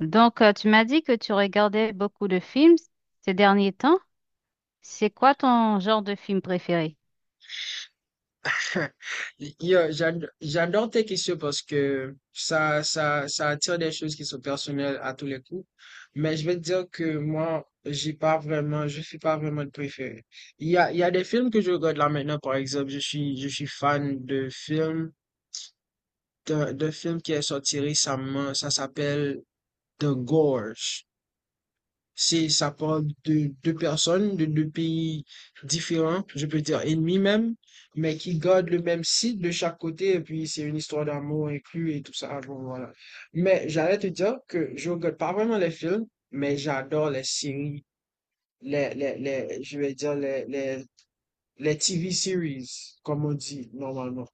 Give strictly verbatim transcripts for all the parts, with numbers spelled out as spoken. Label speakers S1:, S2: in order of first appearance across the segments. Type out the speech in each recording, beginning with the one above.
S1: Donc, euh, tu m'as dit que tu regardais beaucoup de films ces derniers temps. C'est quoi ton genre de film préféré?
S2: Yo, j'ado- j'adore tes questions parce que ça, ça, ça attire des choses qui sont personnelles à tous les coups. Mais je vais te dire que moi, j'ai pas vraiment, je suis pas vraiment de préféré. Il y a, il y a des films que je regarde là maintenant, par exemple, je suis, je suis fan de films, d'un d'un film qui est sorti récemment, ça s'appelle The Gorge. Si ça parle de deux personnes, de deux pays différents, je peux dire ennemis même, mais qui gardent le même site de chaque côté, et puis c'est une histoire d'amour inclus et tout ça. Bon, voilà. Mais j'allais te dire que je regarde pas vraiment les films, mais j'adore les séries, les, les, les, je vais dire les, les, les T V series, comme on dit normalement.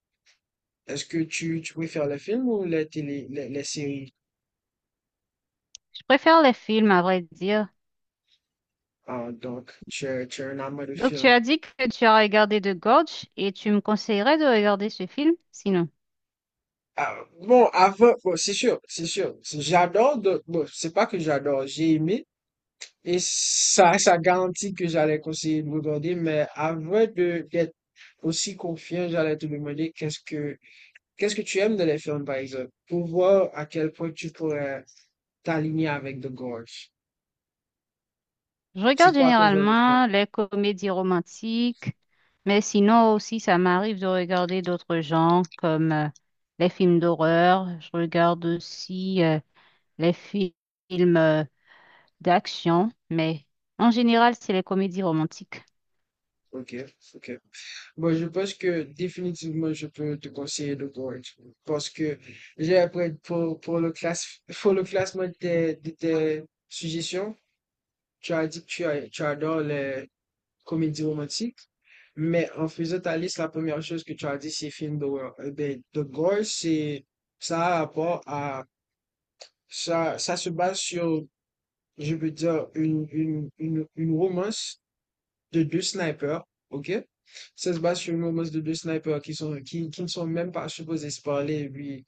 S2: Est-ce que tu, tu préfères les films ou les télé, les, les séries?
S1: Je préfère les films, à vrai dire.
S2: Ah, donc, tu es, tu es un amant de
S1: Donc, tu
S2: films.
S1: as dit que tu as regardé The Gorge et tu me conseillerais de regarder ce film, sinon.
S2: Ah, bon, avant, bon, c'est sûr, c'est sûr. C'est- J'adore, de- bon, c'est pas que j'adore, j'ai aimé. Et ça, ça garantit que j'allais conseiller de regarder, mais avant de, d'être aussi confiant, j'allais te demander qu'est-ce que, qu'est-ce que tu aimes dans les films, par exemple, pour voir à quel point tu pourrais t'aligner avec The Gorge.
S1: Je
S2: C'est
S1: regarde
S2: quoi ton genre de film?
S1: généralement les comédies romantiques, mais sinon aussi, ça m'arrive de regarder d'autres genres comme euh, les films d'horreur. Je regarde aussi euh, les fi- films euh, d'action, mais en général, c'est les comédies romantiques.
S2: Ok, ok. Bon, je pense que définitivement, je peux te conseiller le Gold*, parce que j'ai appris pour, pour le classe, pour le classement de tes, de tes suggestions. Tu as dit que tu, as- tu adores les comédies romantiques, mais en faisant ta liste, la première chose que tu as dit, c'est film d'horreur. Eh ben, The Gold*. C'est, ça a rapport à, ça, ça se base sur, je veux dire, une, une, une, une romance de deux snipers, ok? Ça se base sur une romance de deux snipers qui sont, qui, qui ne sont même pas supposés se parler, puis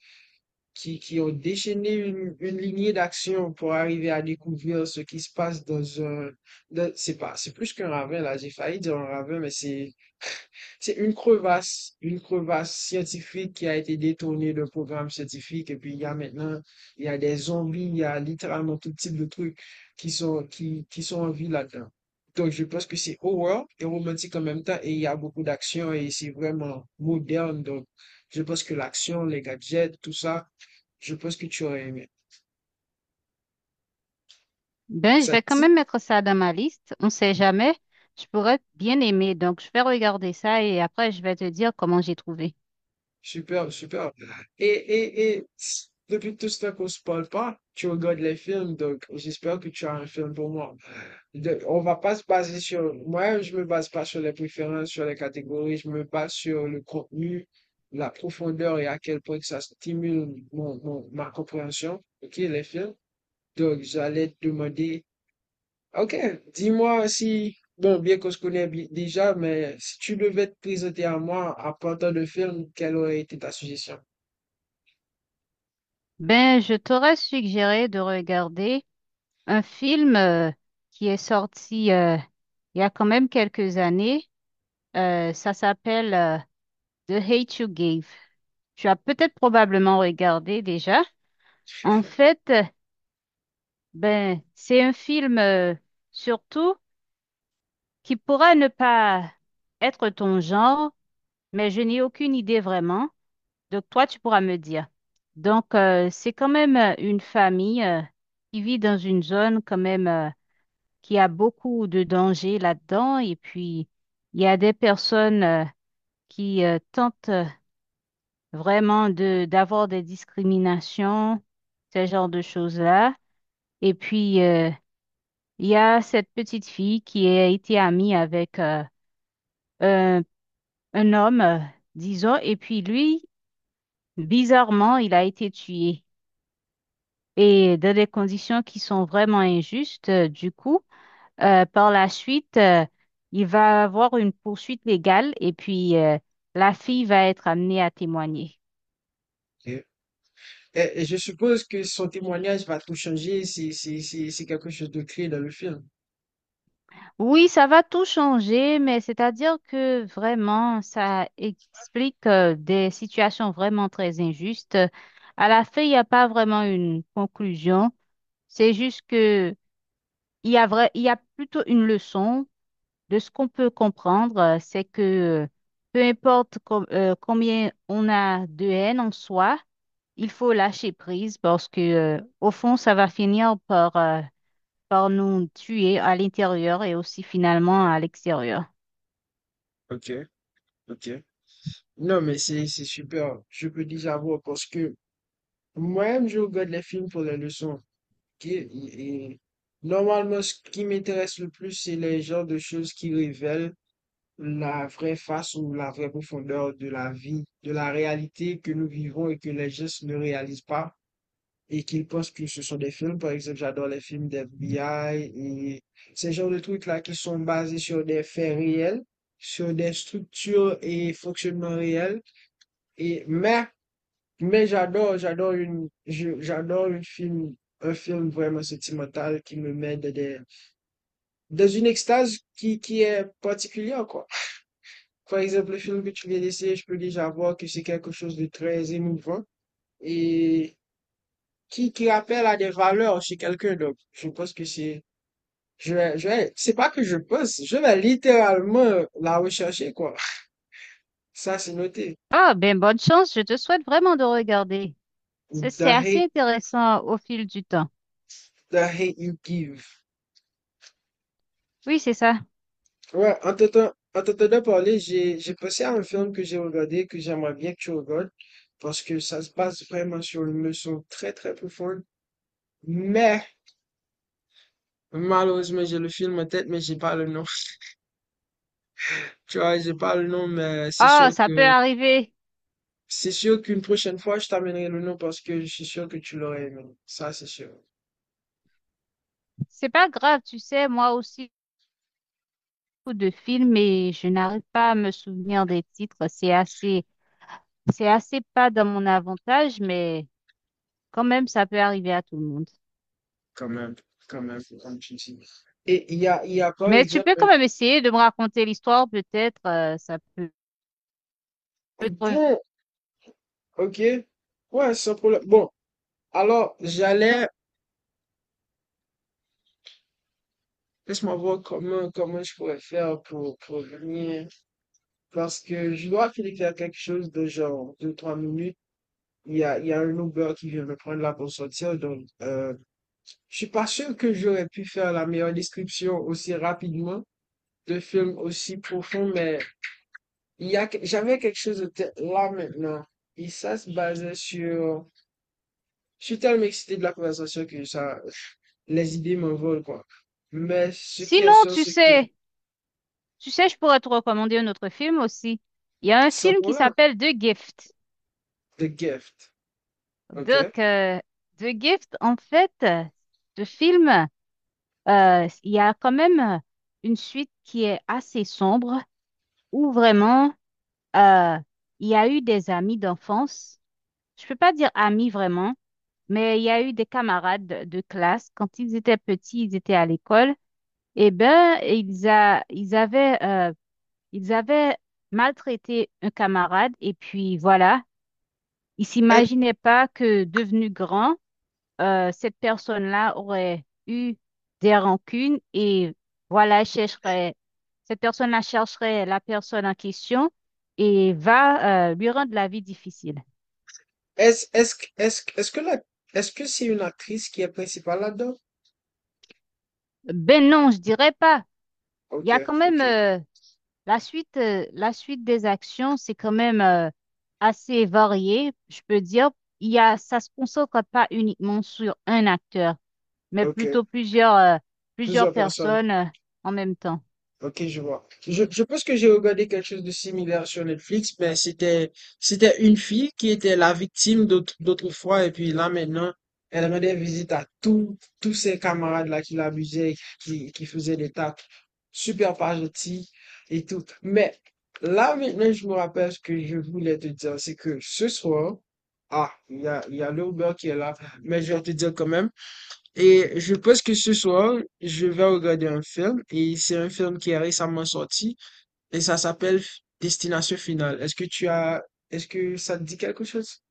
S2: qui, qui ont déchaîné une, une lignée d'action pour arriver à découvrir ce qui se passe dans un, dans- c'est pas, c'est plus qu'un ravin, là, j'ai failli dire un ravin, mais c'est, c'est une crevasse, une crevasse scientifique qui a été détournée d'un programme scientifique. Et puis, il y a maintenant, il y a des zombies, il y a littéralement tout type de trucs qui sont, qui, qui sont en vie là-dedans. Donc, je pense que c'est horreur et romantique en même temps. Et il y a beaucoup d'action et c'est vraiment moderne. Donc, je pense que l'action, les gadgets, tout ça, je pense que tu aurais aimé.
S1: Ben, je
S2: Ça
S1: vais
S2: te
S1: quand
S2: dit?
S1: même mettre ça dans ma liste. On sait jamais. Je pourrais bien aimer. Donc, je vais regarder ça et après, je vais te dire comment j'ai trouvé.
S2: Super, super. Et, et, et depuis tout ce temps qu'on se parle pas, tu regardes les films. Donc, j'espère que tu as un film pour moi. De- on va pas se baser sur, moi, je me base pas sur les préférences, sur les catégories, je me base sur le contenu, la profondeur et à quel point que ça stimule mon, mon- ma compréhension, ok, les films. Donc, j'allais te demander. Ok, dis-moi si, bon, bien qu'on se connaît bi- déjà, mais si tu devais te présenter à moi à partir de film, quelle aurait été ta suggestion?
S1: Ben, je t'aurais suggéré de regarder un film euh, qui est sorti euh, il y a quand même quelques années. Euh, ça s'appelle euh, The Hate You Gave. Tu as peut-être probablement regardé déjà. En fait, euh, ben, c'est un film euh, surtout qui pourrait ne pas être ton genre mais je n'ai aucune idée vraiment. Donc, toi, tu pourras me dire. Donc, euh, c'est quand même euh, une famille euh, qui vit dans une zone quand même euh, qui a beaucoup de dangers là-dedans. Et puis, il y a des personnes euh, qui euh, tentent euh, vraiment de d'avoir des discriminations, ce genre de choses-là. Et puis, euh, il y a cette petite fille qui a été amie avec euh, un, un homme, euh, disons, et puis lui, bizarrement, il a été tué, et dans des conditions qui sont vraiment injustes. euh, Du coup, euh, par la suite, euh, il va avoir une poursuite légale et puis euh, la fille va être amenée à témoigner.
S2: Ok. Et, et je suppose que son témoignage va tout changer, c'est c'est- c'est- c'est quelque chose de clé dans le film.
S1: Oui, ça va tout changer, mais c'est-à-dire que vraiment, ça explique euh, des situations vraiment très injustes. À la fin, il n'y a pas vraiment une conclusion. C'est juste que il y a vrai, il y a plutôt une leçon. De ce qu'on peut comprendre, euh, c'est que peu importe com- euh, combien on a de haine en soi, il faut lâcher prise parce que, euh, au fond, ça va finir par, euh, par nous tuer à l'intérieur et aussi finalement à l'extérieur.
S2: Ok, ok. Non, mais c'est c'est super. Je peux déjà voir parce que moi-même, je regarde les films pour les leçons. Ok? Et, et normalement, ce qui m'intéresse le plus, c'est les genres de choses qui révèlent la vraie face ou la vraie profondeur de la vie, de la réalité que nous vivons et que les gestes ne réalisent pas et qu'ils pensent que ce sont des films. Par exemple, j'adore les films d'F B I et ces genres de trucs-là qui sont basés sur des faits réels, sur des structures et fonctionnements réels. Et, mais, mais j'adore, j'adore une, je- j'adore une film, un film vraiment sentimental qui me met dans des, dans une extase qui, qui est particulière, quoi. Par exemple, le film que tu viens d'essayer, je peux déjà voir que c'est quelque chose de très émouvant et qui, qui rappelle à des valeurs chez quelqu'un. Donc, je pense que c'est, je vais, je vais, c'est pas que je pense, je vais littéralement la rechercher, quoi. Ça, c'est noté.
S1: Ah, ben bonne chance, je te souhaite vraiment de regarder. C'est c'est
S2: The
S1: assez
S2: Hate,
S1: intéressant au fil du temps.
S2: The Hate You Give.
S1: Oui, c'est ça.
S2: Ouais, en t'entendant, en t'entendant parler, j'ai, j'ai pensé à un film que j'ai regardé, que j'aimerais bien que tu regardes, parce que ça se passe vraiment sur une leçon très, très profonde. Mais, malheureusement, j'ai le film en tête, mais j'ai pas le nom. Tu vois, j'ai pas le nom, mais c'est
S1: Ah,
S2: sûr
S1: ça peut
S2: que
S1: arriver.
S2: c'est sûr qu'une prochaine fois, je t'amènerai le nom parce que je suis sûr que tu l'aurais aimé. Ça, c'est sûr.
S1: C'est pas grave, tu sais, moi aussi, beaucoup de films et je n'arrive pas à me souvenir des titres. C'est assez C'est assez pas dans mon avantage, mais quand même, ça peut arriver à tout le monde.
S2: Quand même, quand même, comme tu dis. Et il y a, il y a par
S1: Mais tu
S2: exemple,
S1: peux
S2: un-
S1: quand même essayer de me raconter l'histoire, peut-être, euh, ça peut peut-être-
S2: bon, ok, ouais, sans problème. Bon, alors, j'allais, laisse-moi voir comment, comment je pourrais faire pour, pour venir parce que je dois filer faire quelque chose de genre deux trois minutes. Il y a, il y a un Uber qui vient me prendre là pour sortir, donc, euh, je suis pas sûr que j'aurais pu faire la meilleure description aussi rapidement de film aussi profond, mais il y a, que- j'avais quelque chose de tel- là maintenant. Et ça se basait sur, je suis tellement excité de la conversation que ça, les idées m'envolent, quoi. Mais ce qui est
S1: Sinon,
S2: sûr,
S1: tu
S2: c'est que,
S1: sais, tu sais, je pourrais te recommander un autre film aussi. Il y a un
S2: sans
S1: film qui
S2: problème,
S1: s'appelle The Gift.
S2: The Gift, ok?
S1: Donc, euh, The Gift, en fait, euh, ce film, euh, il y a quand même une suite qui est assez sombre, où vraiment, euh, il y a eu des amis d'enfance. Je peux pas dire amis vraiment. Mais il y a eu des camarades de de classe, quand ils étaient petits, ils étaient à l'école, et ben ils, a, ils avaient, euh, ils avaient maltraité un camarade, et puis voilà, ils
S2: Est-
S1: s'imaginaient pas que devenu grand, euh, cette personne-là aurait eu des rancunes, et voilà, chercherait, cette personne-là chercherait la personne en question et va, euh, lui rendre la vie difficile.
S2: Est-ce, est-ce, que- est-ce, que- est-ce que la, est-ce que c'est une actrice qui est principale là-dedans?
S1: Ben non, je dirais pas. Il y
S2: Ok,
S1: a quand même...
S2: ok,
S1: euh, la suite, euh, la suite des actions, c'est quand même euh, assez varié, je peux dire. Il y a, ça se concentre pas uniquement sur un acteur, mais
S2: ok.
S1: plutôt plusieurs, euh, plusieurs
S2: Plusieurs personnes.
S1: personnes euh, en même temps.
S2: Ok, je vois. Je, je pense que j'ai regardé quelque chose de similaire sur Netflix, mais c'était c'était une fille qui était la victime d'autre- d'autrefois, et puis là maintenant, elle rendait visite à tous tous ses camarades là qui l'abusaient, qui, qui faisaient des tacles super pas gentils et tout. Mais là maintenant, je me rappelle ce que je voulais te dire, c'est que ce soir, ah, il y a, il y a l'Uber qui est là, mais je vais te dire quand même. Et je pense que ce soir, je vais regarder un film et c'est un film qui est récemment sorti et ça s'appelle Destination Finale. Est-ce que tu as, est-ce que ça te dit quelque chose?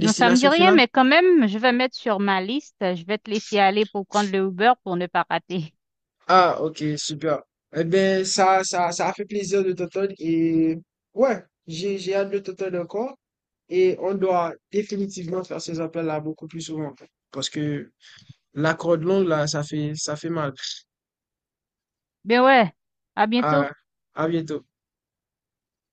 S1: Non, ça me dit rien,
S2: Finale?
S1: mais quand même, je vais mettre sur ma liste. Je vais te laisser aller pour prendre le Uber pour ne pas rater.
S2: Ah, ok, super. Eh ben, ça, ça, ça a fait plaisir de t'entendre et ouais, j'ai, j'ai hâte de t'entendre encore et on doit définitivement faire ces appels-là beaucoup plus souvent parce que la corde longue là, ça fait, ça fait mal.
S1: Mais ouais, à bientôt.
S2: À, à bientôt.